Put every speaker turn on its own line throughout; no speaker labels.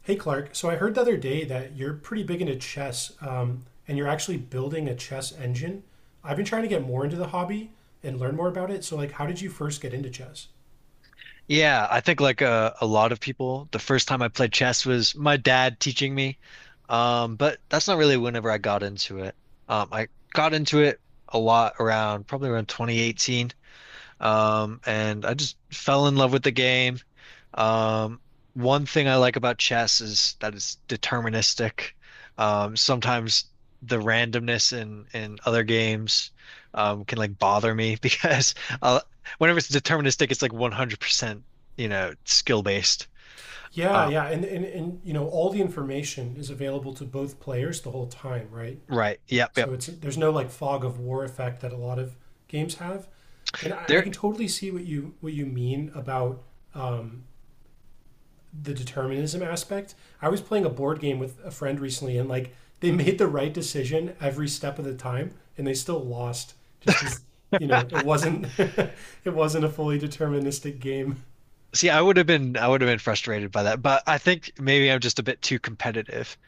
Hey Clark, so I heard the other day that you're pretty big into chess, and you're actually building a chess engine. I've been trying to get more into the hobby and learn more about it. So, like, how did you first get into chess?
Yeah, I think like a lot of people, the first time I played chess was my dad teaching me. But that's not really whenever I got into it. I got into it a lot around probably around 2018. And I just fell in love with the game. Um, One thing I like about chess is that it's deterministic. Sometimes the randomness in other games can like bother me because uh, whenever it's deterministic, it's like 100%, you know, skill based.
Yeah,
Uh,
yeah, and you know, all the information is available to both players the whole time, right?
right. Yep.
So
Yep.
it's there's no like fog of war effect that a lot of games have, and I
There.
can totally see what you mean about um, the determinism aspect. I was playing a board game with a friend recently, and like they made the right decision every step of the time, and they still lost just because you know it wasn't it wasn't a fully deterministic game.
See, I would have been frustrated by that, but I think maybe I'm just a bit too competitive.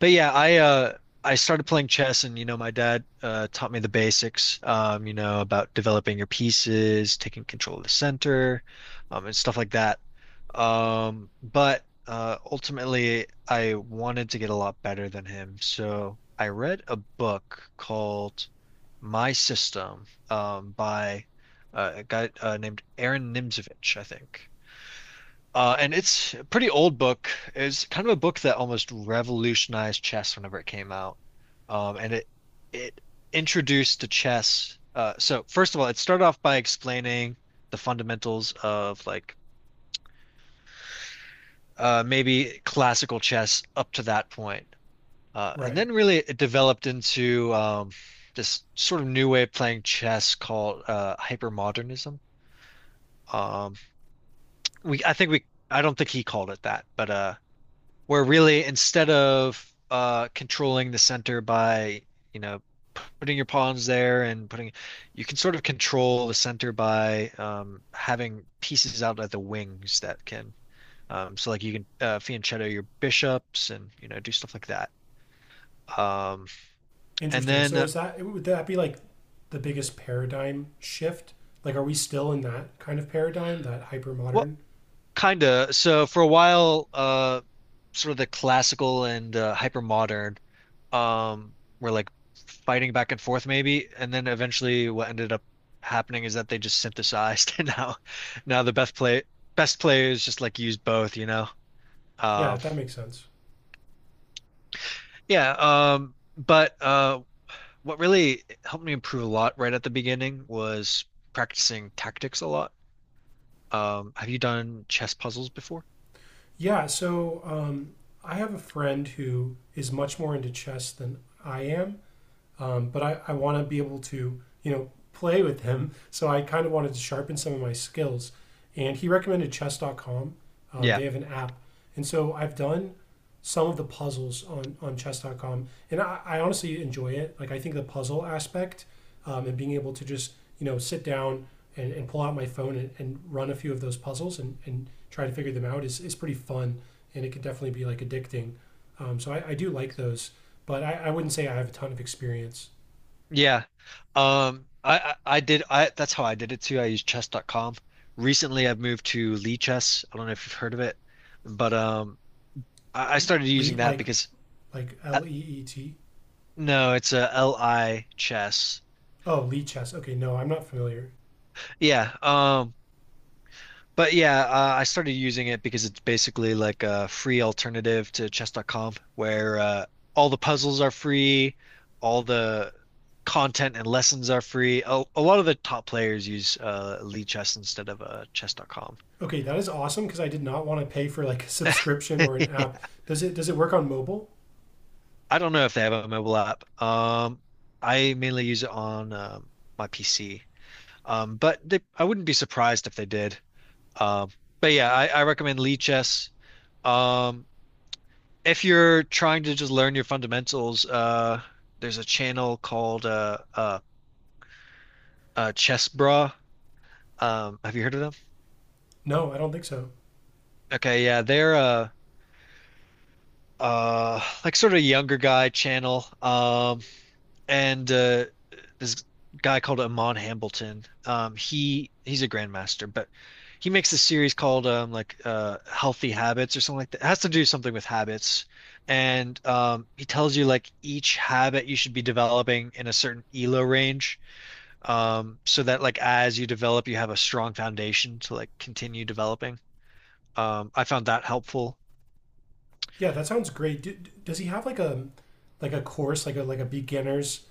But yeah, I I started playing chess, and you know my dad taught me the basics, you know, about developing your pieces, taking control of the center, and stuff like that. But ultimately I wanted to get a lot better than him. So I read a book called My System, by a guy named Aaron Nimzowitsch, I think. And it's a pretty old book. It's kind of a book that almost revolutionized chess whenever it came out. And it introduced to chess. So first of all, it started off by explaining the fundamentals of like maybe classical chess up to that point. And
Right.
then really it developed into this sort of new way of playing chess called hypermodernism. Um, we I think we I don't think he called it that, but where really instead of controlling the center by, you know, putting your pawns there and putting, you can sort of control the center by having pieces out at the wings that can, so like you can fianchetto your bishops, and you know do stuff like that. Um, and
Interesting.
then
So is that would that be like the biggest paradigm shift? Like, are we still in that kind of paradigm, that hyper
well,
modern?
kind of. So for a while, sort of the classical and hyper modern, um we're like fighting back and forth maybe, and then eventually what ended up happening is that they just synthesized and now the best players just like use both, you know.
Yeah,
um
that makes sense.
yeah um but uh what really helped me improve a lot right at the beginning was practicing tactics a lot. Have you done chess puzzles before?
Yeah. I have a friend who is much more into chess than I am. But I want to be able to, you know, play with him. So I kind of wanted to sharpen some of my skills. And he recommended chess.com.
Yeah.
They have an app. And so I've done some of the puzzles on chess.com. And I honestly enjoy it. Like, I think the puzzle aspect and being able to just, you know, sit down and pull out my phone and run a few of those puzzles and try to figure them out is pretty fun. And it could definitely be like addicting. So I do like those, but I wouldn't say I have a ton of experience.
Yeah. I did I That's how I did it too. I used chess.com. Recently I've moved to Lee Chess. I don't know if you've heard of it, but I started using
Lead
that because
like
uh,
LEET.
no, it's a LI chess.
Oh, lead chess. Okay, no, I'm not familiar.
Yeah. I started using it because it's basically like a free alternative to chess.com where all the puzzles are free, all the content and lessons are free. A lot of the top players use Lee Chess instead of chess.com.
Okay, that is awesome because I did not want to pay for like a subscription or an app. Does it work on mobile?
I don't know if they have a mobile app. I mainly use it on my PC. But they, I wouldn't be surprised if they did. Um, but yeah, I recommend Lee Chess. Um, if you're trying to just learn your fundamentals, there's a channel called Chess Bra. Have you heard of them?
No, I don't think so.
Okay, yeah, they're like sort of younger guy channel. And This guy called Amon Hambleton. He's a grandmaster, but he makes a series called like Healthy Habits or something like that. It has to do something with habits, and he tells you like each habit you should be developing in a certain ELO range, so that like as you develop, you have a strong foundation to like continue developing. I found that helpful.
Yeah, that sounds great. Do, does he have like a course like a beginners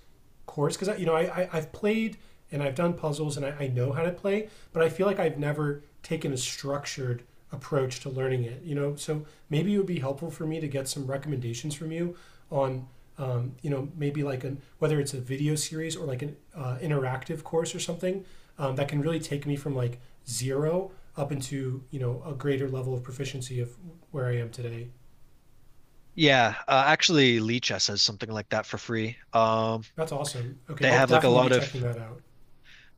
course, because you know I've played and I've done puzzles and I know how to play, but I feel like I've never taken a structured approach to learning it. You know, so maybe it would be helpful for me to get some recommendations from you on you know maybe like an whether it's a video series or like an interactive course or something that can really take me from like zero up into you know a greater level of proficiency of where I am today.
Yeah, actually, Lee Chess has something like that for free.
That's awesome. Okay,
They
I'll
have like a
definitely be
lot of
checking that out.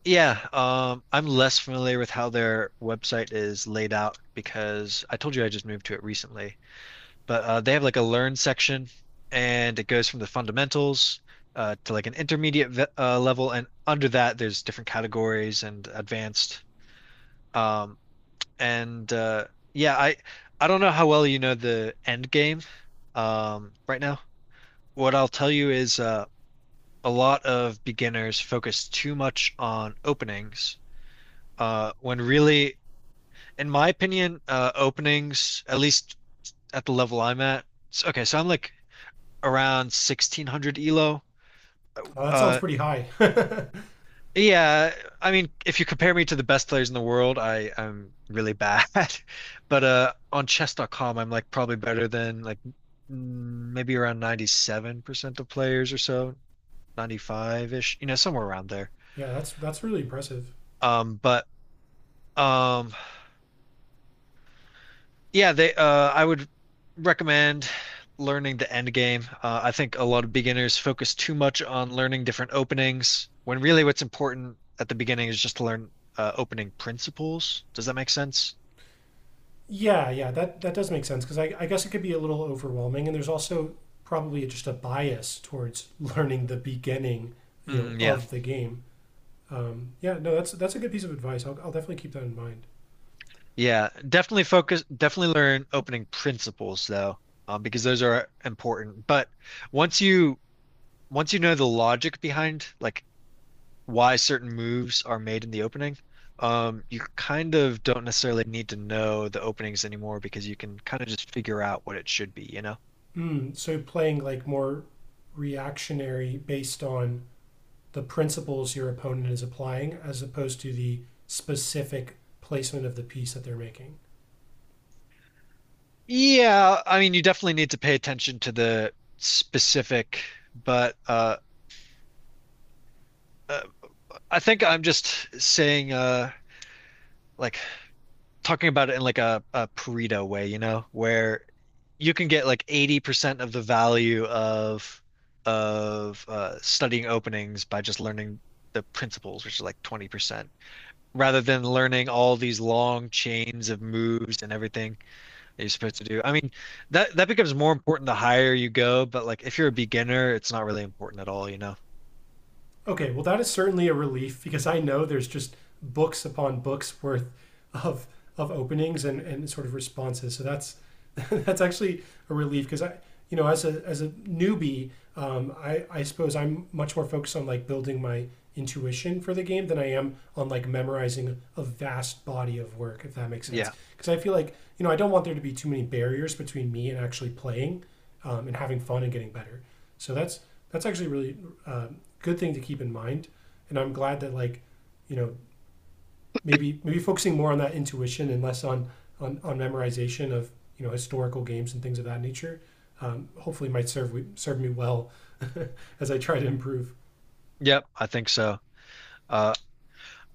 Yeah, I'm less familiar with how their website is laid out because I told you I just moved to it recently. But they have like a learn section, and it goes from the fundamentals to like an intermediate level, and under that there's different categories and advanced. Um, and yeah, I don't know how well you know the end game right now. What I'll tell you is a lot of beginners focus too much on openings when really in my opinion, openings, at least at the level I'm at. So, okay, so I'm like around 1600 elo.
That sounds
Uh,
pretty high.
yeah, I mean, if you compare me to the best players in the world, I'm really bad. But on chess.com, I'm like probably better than maybe around 97% of players or so, 95-ish, you know, somewhere around there.
Yeah, that's really impressive.
But um, Yeah, they I would recommend learning the end game. I think a lot of beginners focus too much on learning different openings when really what's important at the beginning is just to learn opening principles. Does that make sense?
Yeah, yeah, that that does make sense because I guess it could be a little overwhelming, and there's also probably just a bias towards learning the beginning, you know,
Mm, yeah.
of the game. Yeah, no, that's a good piece of advice. I'll definitely keep that in mind.
Yeah, definitely learn opening principles though, because those are important. But once you once you know the logic behind like why certain moves are made in the opening. You kind of don't necessarily need to know the openings anymore because you can kind of just figure out what it should be, you know?
Mm, so playing like more reactionary based on the principles your opponent is applying, as opposed to the specific placement of the piece that they're making.
Yeah, I mean, you definitely need to pay attention to the specific, but uh I think I'm just saying like talking about it in like a Pareto way, you know, where you can get like 80% of the value of studying openings by just learning the principles, which is like 20, rather than learning all these long chains of moves and everything that you're supposed to do. I mean, that becomes more important the higher you go, but like if you're a beginner, it's not really important at all, you know?
Okay, well, that is certainly a relief because I know there's just books upon books worth of of openings and sort of responses. So that's that's actually a relief because I, you know, as a newbie, I suppose I'm much more focused on like building my intuition for the game than I am on like memorizing a vast body of work. If that makes sense,
Yeah.
because I feel like you know I don't want there to be too many barriers between me and actually playing and having fun and getting better. So that's actually really uh, good thing to keep in mind. And I'm glad that like, you know, maybe maybe focusing more on that intuition and less on memorization of you know historical games and things of that nature. Hopefully, might serve serve me well as I try to improve.
Yep, I think so. Uh,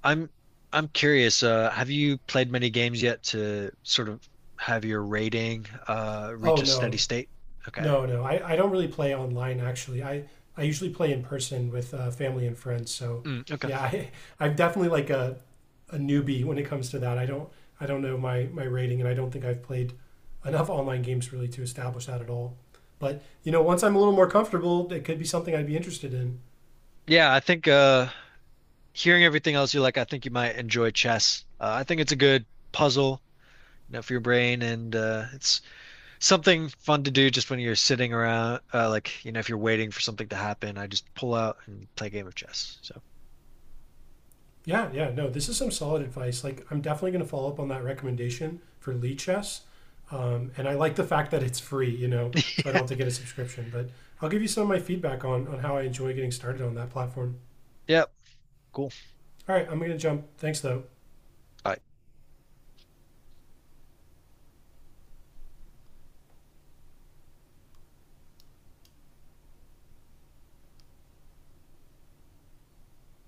I'm I'm curious, have you played many games yet to sort of have your rating
Oh
reach a steady
no.
state? Okay.
No, no, I don't really play online actually. I usually play in person with family and friends. So
Mm, okay.
yeah, I, I'm definitely like a newbie when it comes to that. I don't know my rating, and I don't think I've played enough online games really to establish that at all. But you know, once I'm a little more comfortable, it could be something I'd be interested in.
Yeah, I think hearing everything else you like, I think you might enjoy chess. I think it's a good puzzle, you know, for your brain, and it's something fun to do just when you're sitting around, like, you know, if you're waiting for something to happen, I just pull out and play a game of chess. So,
Yeah, yeah, no, this is some solid advice. Like, I'm definitely going to follow up on that recommendation for Lee Chess. And I like the fact that it's free, you know, so I don't have to get a subscription. But I'll give you some of my feedback on how I enjoy getting started on that platform.
yeah, cool.
All right, I'm going to jump. Thanks, though.
Bye.